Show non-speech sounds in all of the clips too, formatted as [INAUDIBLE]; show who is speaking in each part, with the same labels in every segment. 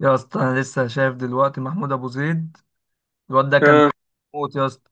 Speaker 1: يا اسطى، انا لسه شايف دلوقتي محمود ابو زيد. الواد ده كان
Speaker 2: اه.
Speaker 1: موت يا اسطى،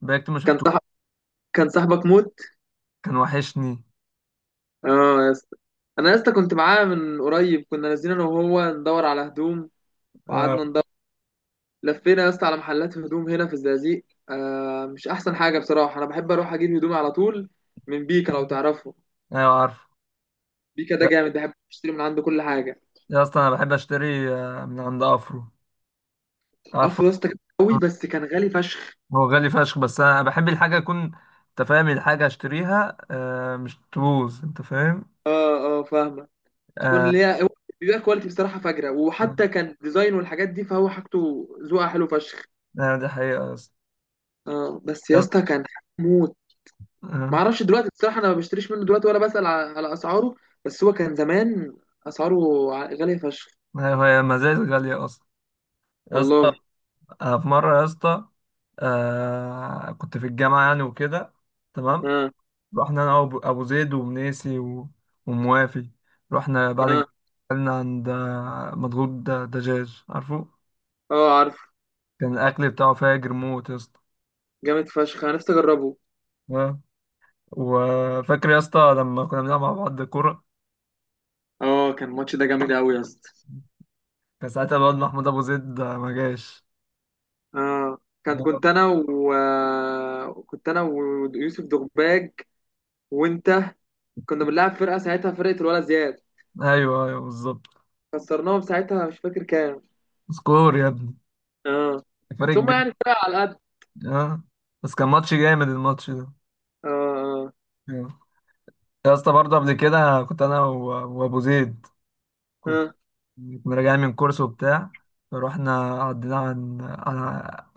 Speaker 1: بقيت ما
Speaker 2: كان
Speaker 1: شفته.
Speaker 2: صاحب كان صاحبك موت.
Speaker 1: كان وحشني.
Speaker 2: اه يا اسطى، انا يا اسطى كنت معاه من قريب. كنا نازلين انا وهو ندور على هدوم
Speaker 1: اه.
Speaker 2: وقعدنا ندور. لفينا يا اسطى على محلات هدوم هنا في الزقازيق. مش احسن حاجه بصراحه. انا بحب اروح اجيب هدومي على طول من بيكا، لو تعرفه.
Speaker 1: ايوه عارف.
Speaker 2: بيكا ده
Speaker 1: يا
Speaker 2: جامد، بحب اشتري من عنده كل حاجه.
Speaker 1: يا اسطى، انا بحب اشتري من عند افرو. عارفه؟
Speaker 2: افرو يا اسطى كان قوي بس كان غالي فشخ.
Speaker 1: هو غالي فشخ، بس انا بحب الحاجه يكون، انت فاهم، الحاجه اشتريها مش تبوظ، انت فاهم.
Speaker 2: اه اه فاهمه. تكون
Speaker 1: آه،
Speaker 2: ليها. بيبقى كواليتي بصراحه فجره،
Speaker 1: آه،
Speaker 2: وحتى كان ديزاين والحاجات دي، فهو حاجته ذوقها حلو فشخ.
Speaker 1: دي حقيقه يا اسطى.
Speaker 2: اه بس
Speaker 1: يا
Speaker 2: يا
Speaker 1: اسطى.
Speaker 2: اسطى كان موت. ما
Speaker 1: آه،
Speaker 2: اعرفش دلوقتي بصراحه، انا ما بشتريش منه دلوقتي ولا بسال على اسعاره. بس هو كان زمان اسعاره غاليه فشخ.
Speaker 1: أيوة، هي مزاج غاليه اصلا. يا اسطى،
Speaker 2: والله.
Speaker 1: أنا في مره يا اسطى كنت في الجامعه يعني وكده، تمام.
Speaker 2: اه.
Speaker 1: رحنا انا وابو أبو زيد ومنيسي و- وموافي. رحنا بعد الجامعة،
Speaker 2: اه.
Speaker 1: اكلنا عند مضغوط، دجاج. عارفه؟
Speaker 2: اه عارف.
Speaker 1: كان الاكل بتاعه فاجر موت يا اسطى.
Speaker 2: جامد فشخ، انا نفسي اجربه.
Speaker 1: آه. وفاكر يا اسطى لما كنا بنلعب مع بعض كوره؟
Speaker 2: اه كان الماتش ده جامد قوي يا اسطى.
Speaker 1: كان ساعتها الواد محمود ابو زيد ما جاش.
Speaker 2: اه. كان
Speaker 1: آه.
Speaker 2: كنت انا و آه، كنت انا ويوسف دغباج وانت. كنا بنلعب فرقه ساعتها، فرقه الولد زياد.
Speaker 1: ايوه، ايوه، بالظبط.
Speaker 2: خسرناهم ساعتها، مش فاكر كام.
Speaker 1: سكور يا ابني،
Speaker 2: اه
Speaker 1: فرق
Speaker 2: ثم
Speaker 1: كبير.
Speaker 2: يعني فرقه على قد.
Speaker 1: اه، بس كان ماتش جامد الماتش ده.
Speaker 2: اه. اه.
Speaker 1: آه. يا اسطى برضه قبل كده كنت انا و- وابو زيد،
Speaker 2: اه
Speaker 1: كنا راجعين من كورس وبتاع. رحنا عدينا عن على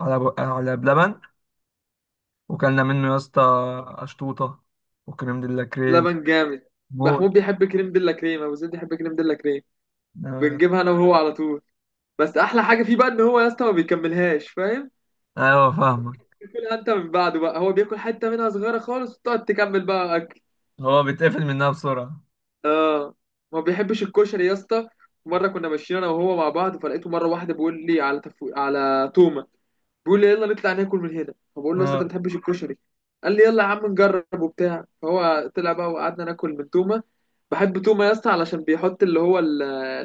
Speaker 1: على أبو- على بلبن، وكلنا منه يا اسطى أشطوطة وكريم ديلا كريم
Speaker 2: لبن جامد.
Speaker 1: موت.
Speaker 2: محمود بيحب كريم ديلا كريم، ابو زيد بيحب كريم ديلا كريم.
Speaker 1: آه،
Speaker 2: بنجيبها انا وهو على طول. بس احلى حاجه فيه بقى ان هو يا اسطى ما بيكملهاش، فاهم.
Speaker 1: أيوه فاهمة.
Speaker 2: بتاكلها انت من بعده بقى، هو بياكل حته منها صغيره خالص وتقعد تكمل بقى اكل.
Speaker 1: هو بيتقفل منها بسرعة.
Speaker 2: اه. ما بيحبش الكشري يا اسطى. مره كنا ماشيين انا وهو مع بعض فلقيته مره واحده بيقول لي على على تومه. بيقول لي يلا نطلع ناكل من هنا، فبقول له يا اسطى انت
Speaker 1: آه،
Speaker 2: ما بتحبش الكشري. قال لي يلا يا عم نجرب وبتاع، فهو طلع بقى وقعدنا ناكل من تومه. بحب تومه يا اسطى علشان بيحط اللي هو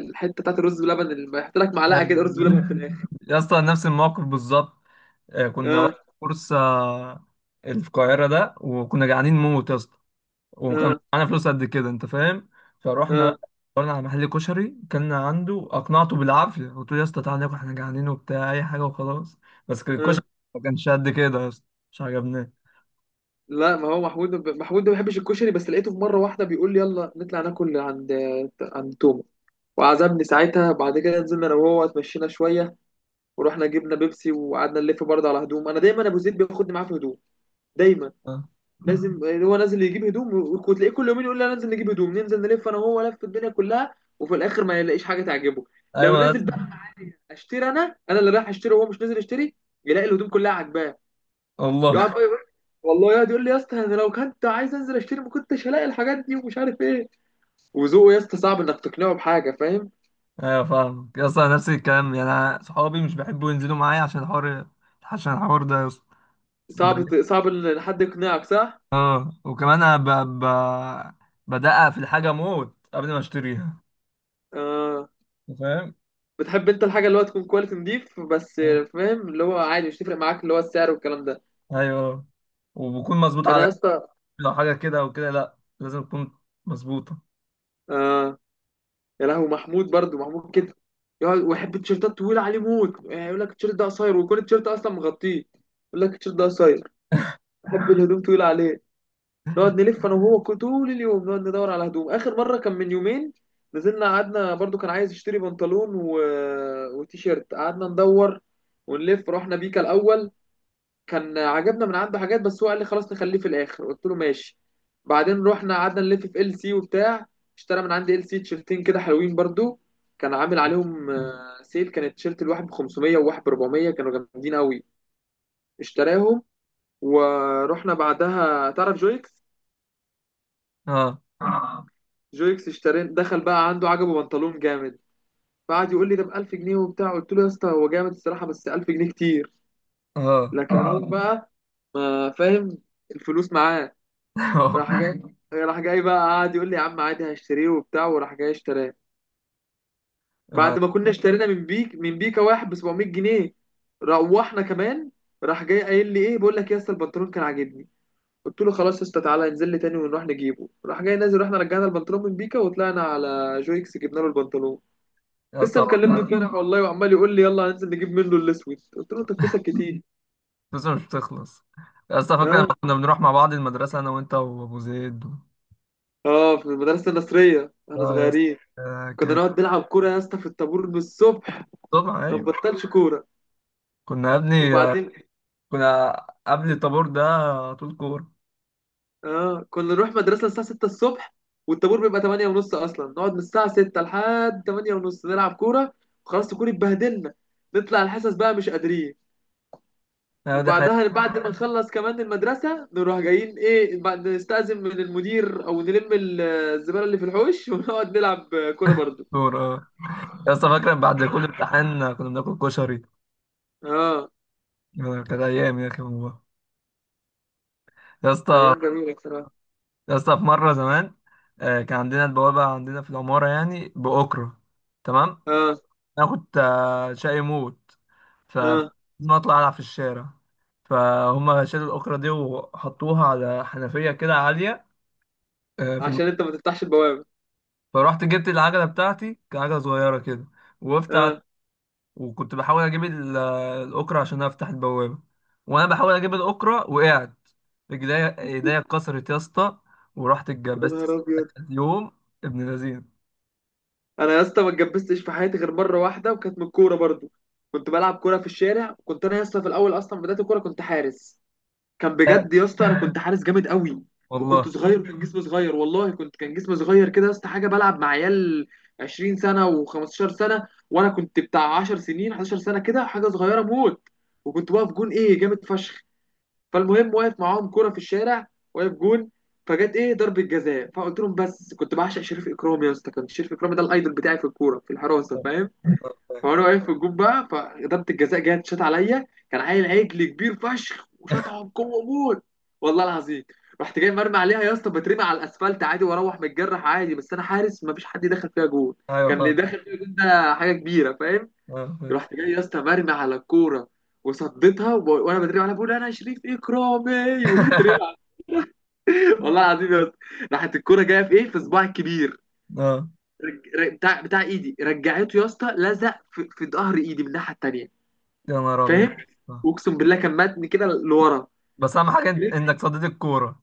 Speaker 2: الحته بتاعت الرز بلبن، اللي بيحط لك معلقه كده رز
Speaker 1: أيوة.
Speaker 2: بلبن في الاخر.
Speaker 1: يا اسطى، نفس الموقف بالظبط. كنا بقى
Speaker 2: اه.
Speaker 1: في كورس، القاهرة ده، وكنا جعانين موت يا اسطى. وكان
Speaker 2: اه.
Speaker 1: معانا فلوس قد كده، انت فاهم. فروحنا
Speaker 2: اه.
Speaker 1: بقى، دورنا على محل كشري كنا عنده، اقنعته بالعافيه. قلت له يا اسطى تعالى ناكل، احنا جعانين وبتاع، اي حاجه وخلاص. بس كان
Speaker 2: اه
Speaker 1: الكشري ما كانش قد كده يا اسطى، مش عجبناه.
Speaker 2: لا، ما هو محمود محمود ده ما بيحبش الكشري، بس لقيته في مره واحده بيقول لي يلا نطلع ناكل عند تومه وعزمني ساعتها. بعد كده نزلنا انا وهو اتمشينا شويه ورحنا جبنا بيبسي وقعدنا نلف برضه على هدوم. انا دايما ابو زيد بياخدني معاه في هدوم، دايما.
Speaker 1: اه.
Speaker 2: لازم هو نازل يجيب هدوم. وتلاقيه كل يومين يقول لي أنا نازل نجيب هدوم، ننزل نلف انا وهو لف الدنيا كلها وفي الاخر ما يلاقيش حاجه تعجبه. لو
Speaker 1: ايوه يا
Speaker 2: نازل
Speaker 1: اسطى.
Speaker 2: بقى اشتري، انا اللي رايح اشتري، وهو مش نازل يشتري. يلاقي الهدوم كلها عاجباه. يقعد
Speaker 1: والله.
Speaker 2: بقى
Speaker 1: [LAUGHS]
Speaker 2: يقول، والله يقعد يقول لي يا اسطى انا لو كنت عايز انزل اشتري ما كنتش هلاقي الحاجات دي ومش عارف ايه. وذوقه يا اسطى صعب انك تقنعه بحاجه، فاهم.
Speaker 1: ايوه فاهمك يا اسطى، نفس الكلام. يعني انا صحابي مش بيحبوا ينزلوا معايا عشان الحوار، عشان الحوار ده يا اسطى. ب-
Speaker 2: صعب ان حد يقنعك، صح.
Speaker 1: اه وكمان انا ب... بدقق في الحاجه موت قبل ما اشتريها،
Speaker 2: آه.
Speaker 1: انت فاهم.
Speaker 2: بتحب انت الحاجه اللي هو تكون كواليتي نضيف بس.
Speaker 1: اه.
Speaker 2: فاهم، اللي هو عادي مش تفرق معاك اللي هو السعر والكلام ده.
Speaker 1: ايوه، وبكون مظبوط،
Speaker 2: انا
Speaker 1: على
Speaker 2: يا اسطى.
Speaker 1: لو حاجة كده أو كده لأ، لازم تكون مظبوطة.
Speaker 2: آه. يا لهو محمود برضو، محمود كده يقعد ويحب التيشيرتات طويله عليه موت. يعني يقول لك التيشيرت ده قصير ويكون التيشيرت اصلا مغطيه، يقول لك التيشيرت ده قصير. بحب الهدوم طويله عليه. نقعد نلف انا وهو طول اليوم، نقعد ندور على هدوم. اخر مره كان من يومين، نزلنا قعدنا برضو. كان عايز يشتري بنطلون وتيشيرت. قعدنا ندور ونلف، رحنا بيكا الاول. كان عجبنا من عنده حاجات بس هو قال لي خلاص نخليه في الاخر، قلت له ماشي. بعدين رحنا قعدنا نلف في ال سي وبتاع. اشترى من عندي ال سي تيشرتين كده حلوين برضو، كان عامل عليهم سيل. كان التيشيرت الواحد ب 500 وواحد ب 400، كانوا جامدين قوي، اشتراهم. ورحنا بعدها، تعرف جويكس.
Speaker 1: اه.
Speaker 2: جويكس اشترين دخل بقى عنده، عجبه بنطلون جامد. فقعد يقول لي ده ب 1000 جنيه وبتاع، قلت له يا اسطى هو جامد الصراحه بس 1000 جنيه كتير.
Speaker 1: اه.
Speaker 2: لكن هو بقى ما فاهم، الفلوس معاه.
Speaker 1: [LAUGHS] اه.
Speaker 2: راح جاي. [LAUGHS] راح جاي بقى قعد يقول لي يا عم عادي هشتريه وبتاع وراح جاي اشتراه.
Speaker 1: آه.
Speaker 2: بعد ما كنا اشترينا من بيكا واحد ب 700 جنيه. روحنا كمان، راح جاي قايل لي ايه، بقول لك يا اسطى البنطلون كان عاجبني. قلت له خلاص يا اسطى تعالى انزل لي تاني ونروح نجيبه. راح جاي نازل، رحنا رجعنا البنطلون من بيكا وطلعنا على جويكس جبنا له البنطلون.
Speaker 1: يا
Speaker 2: لسه
Speaker 1: اسطى
Speaker 2: مكلمني امبارح والله وعمال يقول لي يلا هننزل نجيب منه الاسود، قلت له انت فلوسك كتير.
Speaker 1: الفلوس مش بتخلص. يا اسطى فاكر لما
Speaker 2: ها.
Speaker 1: كنا بنروح مع بعض المدرسة أنا وأنت وأبو زيد؟
Speaker 2: [LAUGHS] اه في المدرسه النصريه احنا
Speaker 1: اه يا اسطى
Speaker 2: صغيرين، كنا
Speaker 1: كانت.
Speaker 2: نقعد نلعب كوره يا اسطى في الطابور من الصبح.
Speaker 1: طبعا
Speaker 2: ما
Speaker 1: أيوة.
Speaker 2: نبطلش كوره.
Speaker 1: كنا يا ابني
Speaker 2: وبعدين
Speaker 1: كنا قبل الطابور ده على طول كورة.
Speaker 2: اه كنا نروح مدرسه الساعه 6 الصبح، والطابور بيبقى 8 ونص اصلا، نقعد من الساعه 6 لحد 8 ونص نلعب كوره. وخلاص الكوره اتبهدلنا، نطلع الحصص بقى مش قادرين.
Speaker 1: دي حياة
Speaker 2: وبعدها بعد ما نخلص كمان المدرسة نروح جايين ايه، بعد نستأذن من المدير او نلم الزبالة اللي في الحوش [LAUGHS] ونقعد نلعب كورة برضو.
Speaker 1: الكورة. اه. يا اسطى فاكر بعد كل امتحان كنا بناكل كشري؟
Speaker 2: اه.
Speaker 1: كانت أيام يا أخي والله. يا اسطى.
Speaker 2: ايام جميلة بصراحة.
Speaker 1: يا اسطى في مرة زمان كان عندنا البوابة عندنا في العمارة يعني بأكرة، تمام.
Speaker 2: اه.
Speaker 1: انا كنت شقي موت، فكنت
Speaker 2: اه
Speaker 1: ما اطلع العب في الشارع. فهم شالوا الاكره دي وحطوها على حنفيه كده عاليه. آه، في الم...
Speaker 2: عشان انت ما تفتحش البوابة.
Speaker 1: فروحت جبت العجله بتاعتي، كانت عجله صغيره كده. وقفت على...
Speaker 2: اه
Speaker 1: وكنت بحاول اجيب الاكره عشان افتح البوابه. وانا بحاول اجيب الاكره وقعت، رجليا ايديا اتكسرت يا اسطى، ورحت
Speaker 2: يا نهار
Speaker 1: اتجبست.
Speaker 2: ابيض.
Speaker 1: يوم ابن لذين.
Speaker 2: انا يا اسطى ما اتجبستش في حياتي غير مرة واحدة، وكانت من الكورة برضو. كنت بلعب كورة في الشارع. كنت انا يا اسطى في الاول اصلا بداية الكورة كنت حارس. كان
Speaker 1: آه،
Speaker 2: بجد يا اسطى، انا كنت حارس جامد قوي. وكنت
Speaker 1: والله.
Speaker 2: صغير وكان جسمي صغير، والله كنت كان جسمي صغير كده يا اسطى حاجه، بلعب مع عيال 20 سنه و15 سنه وانا كنت بتاع 10 سنين 11 سنه كده حاجه صغيره موت. وكنت واقف جون ايه جامد فشخ. فالمهم واقف معاهم كوره في الشارع، واقف جون. فجت ايه ضربه جزاء، فقلت لهم. بس كنت بعشق شريف اكرامي يا اسطى، كان شريف اكرامي ده الايدول بتاعي في الكوره في الحراسه،
Speaker 1: آه،
Speaker 2: فاهم.
Speaker 1: آه، آه.
Speaker 2: فانا واقف في الجون بقى، فضربة الجزاء جت شاط عليا. كان عيل عجل كبير فشخ وشاطها بقوه موت، والله العظيم. رحت جاي مرمي عليها يا اسطى، بترمي على الاسفلت عادي واروح متجرح عادي، بس انا حارس ما فيش حد دخل فيها جول.
Speaker 1: ايوه
Speaker 2: كان اللي
Speaker 1: فاهم.
Speaker 2: داخل فيها جول ده حاجه كبيره، فاهم.
Speaker 1: فاهم.
Speaker 2: رحت جاي يا اسطى مرمي على الكوره وصديتها، وانا بترمي عليها بقول انا شريف اكرامي [LAUGHS] وبترمي عليها. والله العظيم يا اسطى، راحت الكوره جايه في ايه، في صباعي الكبير.
Speaker 1: [LAUGHS] آه.
Speaker 2: بتاع ايدي رجعته يا اسطى، لزق في ظهر ايدي من الناحيه التانيه،
Speaker 1: يا نهار ابيض.
Speaker 2: فاهم. واقسم بالله كان ماتني كده لورا.
Speaker 1: بس اهم حاجه إن- انك صديت الكوره.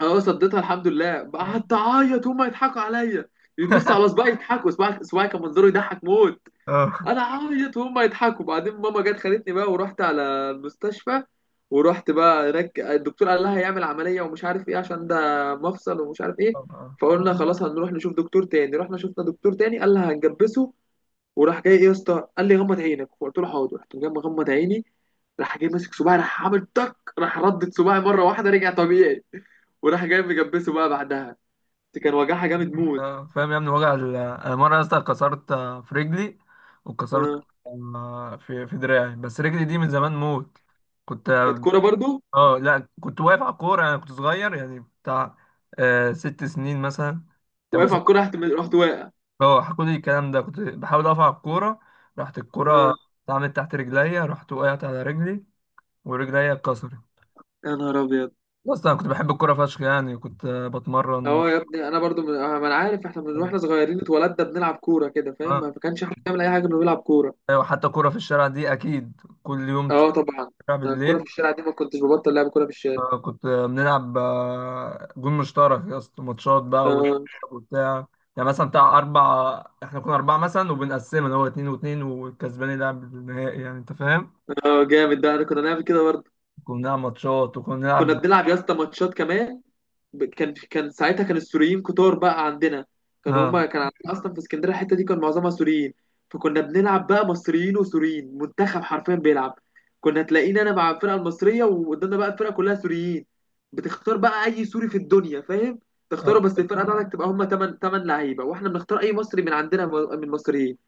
Speaker 2: اه صديتها الحمد لله. قعدت اعيط هما يضحكوا عليا، يبصوا على صباعي يضحكوا، صباعي كان منظره يضحك موت.
Speaker 1: اه
Speaker 2: انا اعيط وهما يضحكوا، بعدين ماما جت خدتني بقى ورحت على المستشفى. ورحت بقى هناك الدكتور قال لها هيعمل عمليه ومش عارف ايه عشان ده مفصل ومش عارف ايه.
Speaker 1: طبعا.
Speaker 2: فقلنا خلاص هنروح نشوف دكتور تاني، رحنا شفنا دكتور تاني قال لها هنجبسه. وراح جاي ايه يا اسطى قال لي غمض عينك، فقلت له حاضر. رحت جاي مغمض عيني، راح جاي ماسك صباعي، راح عامل تك، راح ردت صباعي مره واحده رجع طبيعي. وراح جاي مجبسه بقى بعدها. دي كان وجعها جامد موت.
Speaker 1: اه فاهم يا ابني، وجع انا مره يا اسطى كسرت في رجلي، وكسرت
Speaker 2: آه.
Speaker 1: في دراعي، بس رجلي دي من زمان موت. كنت،
Speaker 2: كانت كوره برضو.
Speaker 1: اه لا، كنت واقف على الكوره. انا كنت صغير يعني بتاع 6 سنين مثلا. طب
Speaker 2: واقف
Speaker 1: بس.
Speaker 2: على الكوره رحت واقع.
Speaker 1: اه حكوا لي الكلام ده، كنت بحاول اقف على الكوره، راحت الكوره
Speaker 2: آه.
Speaker 1: اتعملت تحت رجليا، رحت وقعت على رجلي ورجليا اتكسرت.
Speaker 2: يا نهار ابيض.
Speaker 1: بص انا كنت بحب الكوره فشخ، يعني كنت بتمرن.
Speaker 2: اه يا ابني انا برضو من... آه، ما انا عارف، احنا من واحنا صغيرين اتولدنا بنلعب كوره كده،
Speaker 1: اه.
Speaker 2: فاهم. ما كانش احنا بنعمل اي حاجه غير بنلعب كوره.
Speaker 1: ايوه، حتى كوره في الشارع دي اكيد كل يوم،
Speaker 2: اه طبعا.
Speaker 1: شارع
Speaker 2: أنا الكوره في
Speaker 1: بالليل.
Speaker 2: الشارع دي ما كنتش ببطل لعب كوره في الشارع.
Speaker 1: كنت بنلعب جون مشترك يا اسطى، ماتشات بقى
Speaker 2: اه.
Speaker 1: والكسب وبتاع. يعني مثلا بتاع اربع، احنا كنا اربعه مثلا وبنقسمها اللي هو اتنين واتنين، والكسبان يلعب النهائي، يعني انت فاهم.
Speaker 2: اه جامد ده، انا كنا نعمل كده برضه.
Speaker 1: كنا بنلعب ماتشات وكنا
Speaker 2: كنا
Speaker 1: بنلعب.
Speaker 2: بنلعب يا اسطى ماتشات كمان. كان ساعتها كان السوريين كتار بقى عندنا. كانوا
Speaker 1: اه.
Speaker 2: هما كان عندنا اصلا في اسكندريه الحته دي كان معظمها سوريين. فكنا بنلعب بقى مصريين وسوريين، منتخب حرفيا بيلعب. كنا تلاقينا انا مع الفرقه المصريه وقدامنا بقى الفرقه كلها سوريين. بتختار بقى اي سوري في الدنيا فاهم،
Speaker 1: آه.
Speaker 2: تختاره بس الفرقه بتاعتك تبقى هما 8 8 لعيبه، واحنا بنختار اي مصري من عندنا من المصريين.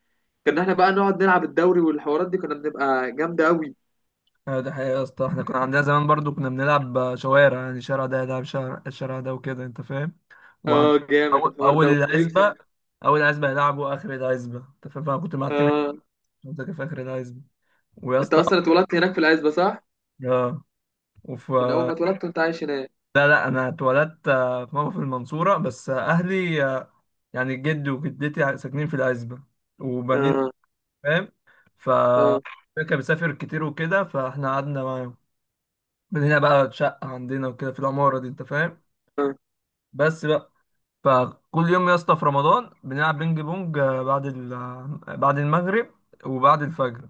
Speaker 2: كنا احنا بقى نقعد نلعب الدوري والحوارات دي، كنا بنبقى جامده قوي.
Speaker 1: ايوه، ده حقيقة يا اسطى. احنا كنا عندنا زمان برضو كنا بنلعب شوارع، يعني شارع ده يلعب شارع، الشارع ده وكده انت فاهم. وعن
Speaker 2: اه جامد
Speaker 1: اول
Speaker 2: الحوار
Speaker 1: اول
Speaker 2: ده واللي يكسب.
Speaker 1: العزبة، اول عزبة يلعبوا اخر العزبة، انت فاهم. فانا كنت مع التيم
Speaker 2: اه
Speaker 1: اللي في اخر العزبة. ويا
Speaker 2: انت
Speaker 1: اسطى.
Speaker 2: اصلا اتولدت هناك في العزبه، صح.
Speaker 1: اه. وف
Speaker 2: من اول ما اتولدت وانت عايش هناك.
Speaker 1: لا لا، انا اتولدت في ماما في المنصورة، بس اهلي، يعني جدي وجدتي ساكنين في العزبة. وبنين،
Speaker 2: اه.
Speaker 1: فاهم. ف
Speaker 2: اه.
Speaker 1: كان بيسافر كتير وكده، فاحنا قعدنا معاهم. من هنا بقى شقة عندنا وكده في العمارة دي، انت فاهم.
Speaker 2: اه
Speaker 1: بس بقى. فكل يوم يا اسطى في رمضان بنلعب بينج بونج آه، بعد ال... آه، بعد المغرب وبعد الفجر.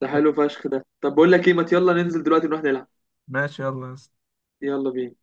Speaker 2: ده
Speaker 1: طب
Speaker 2: حلو فشخ ده. طب بقول لك ايه، ما يلا ننزل دلوقتي نروح نلعب.
Speaker 1: ماشي، يلا يا اسطى.
Speaker 2: يلا بينا.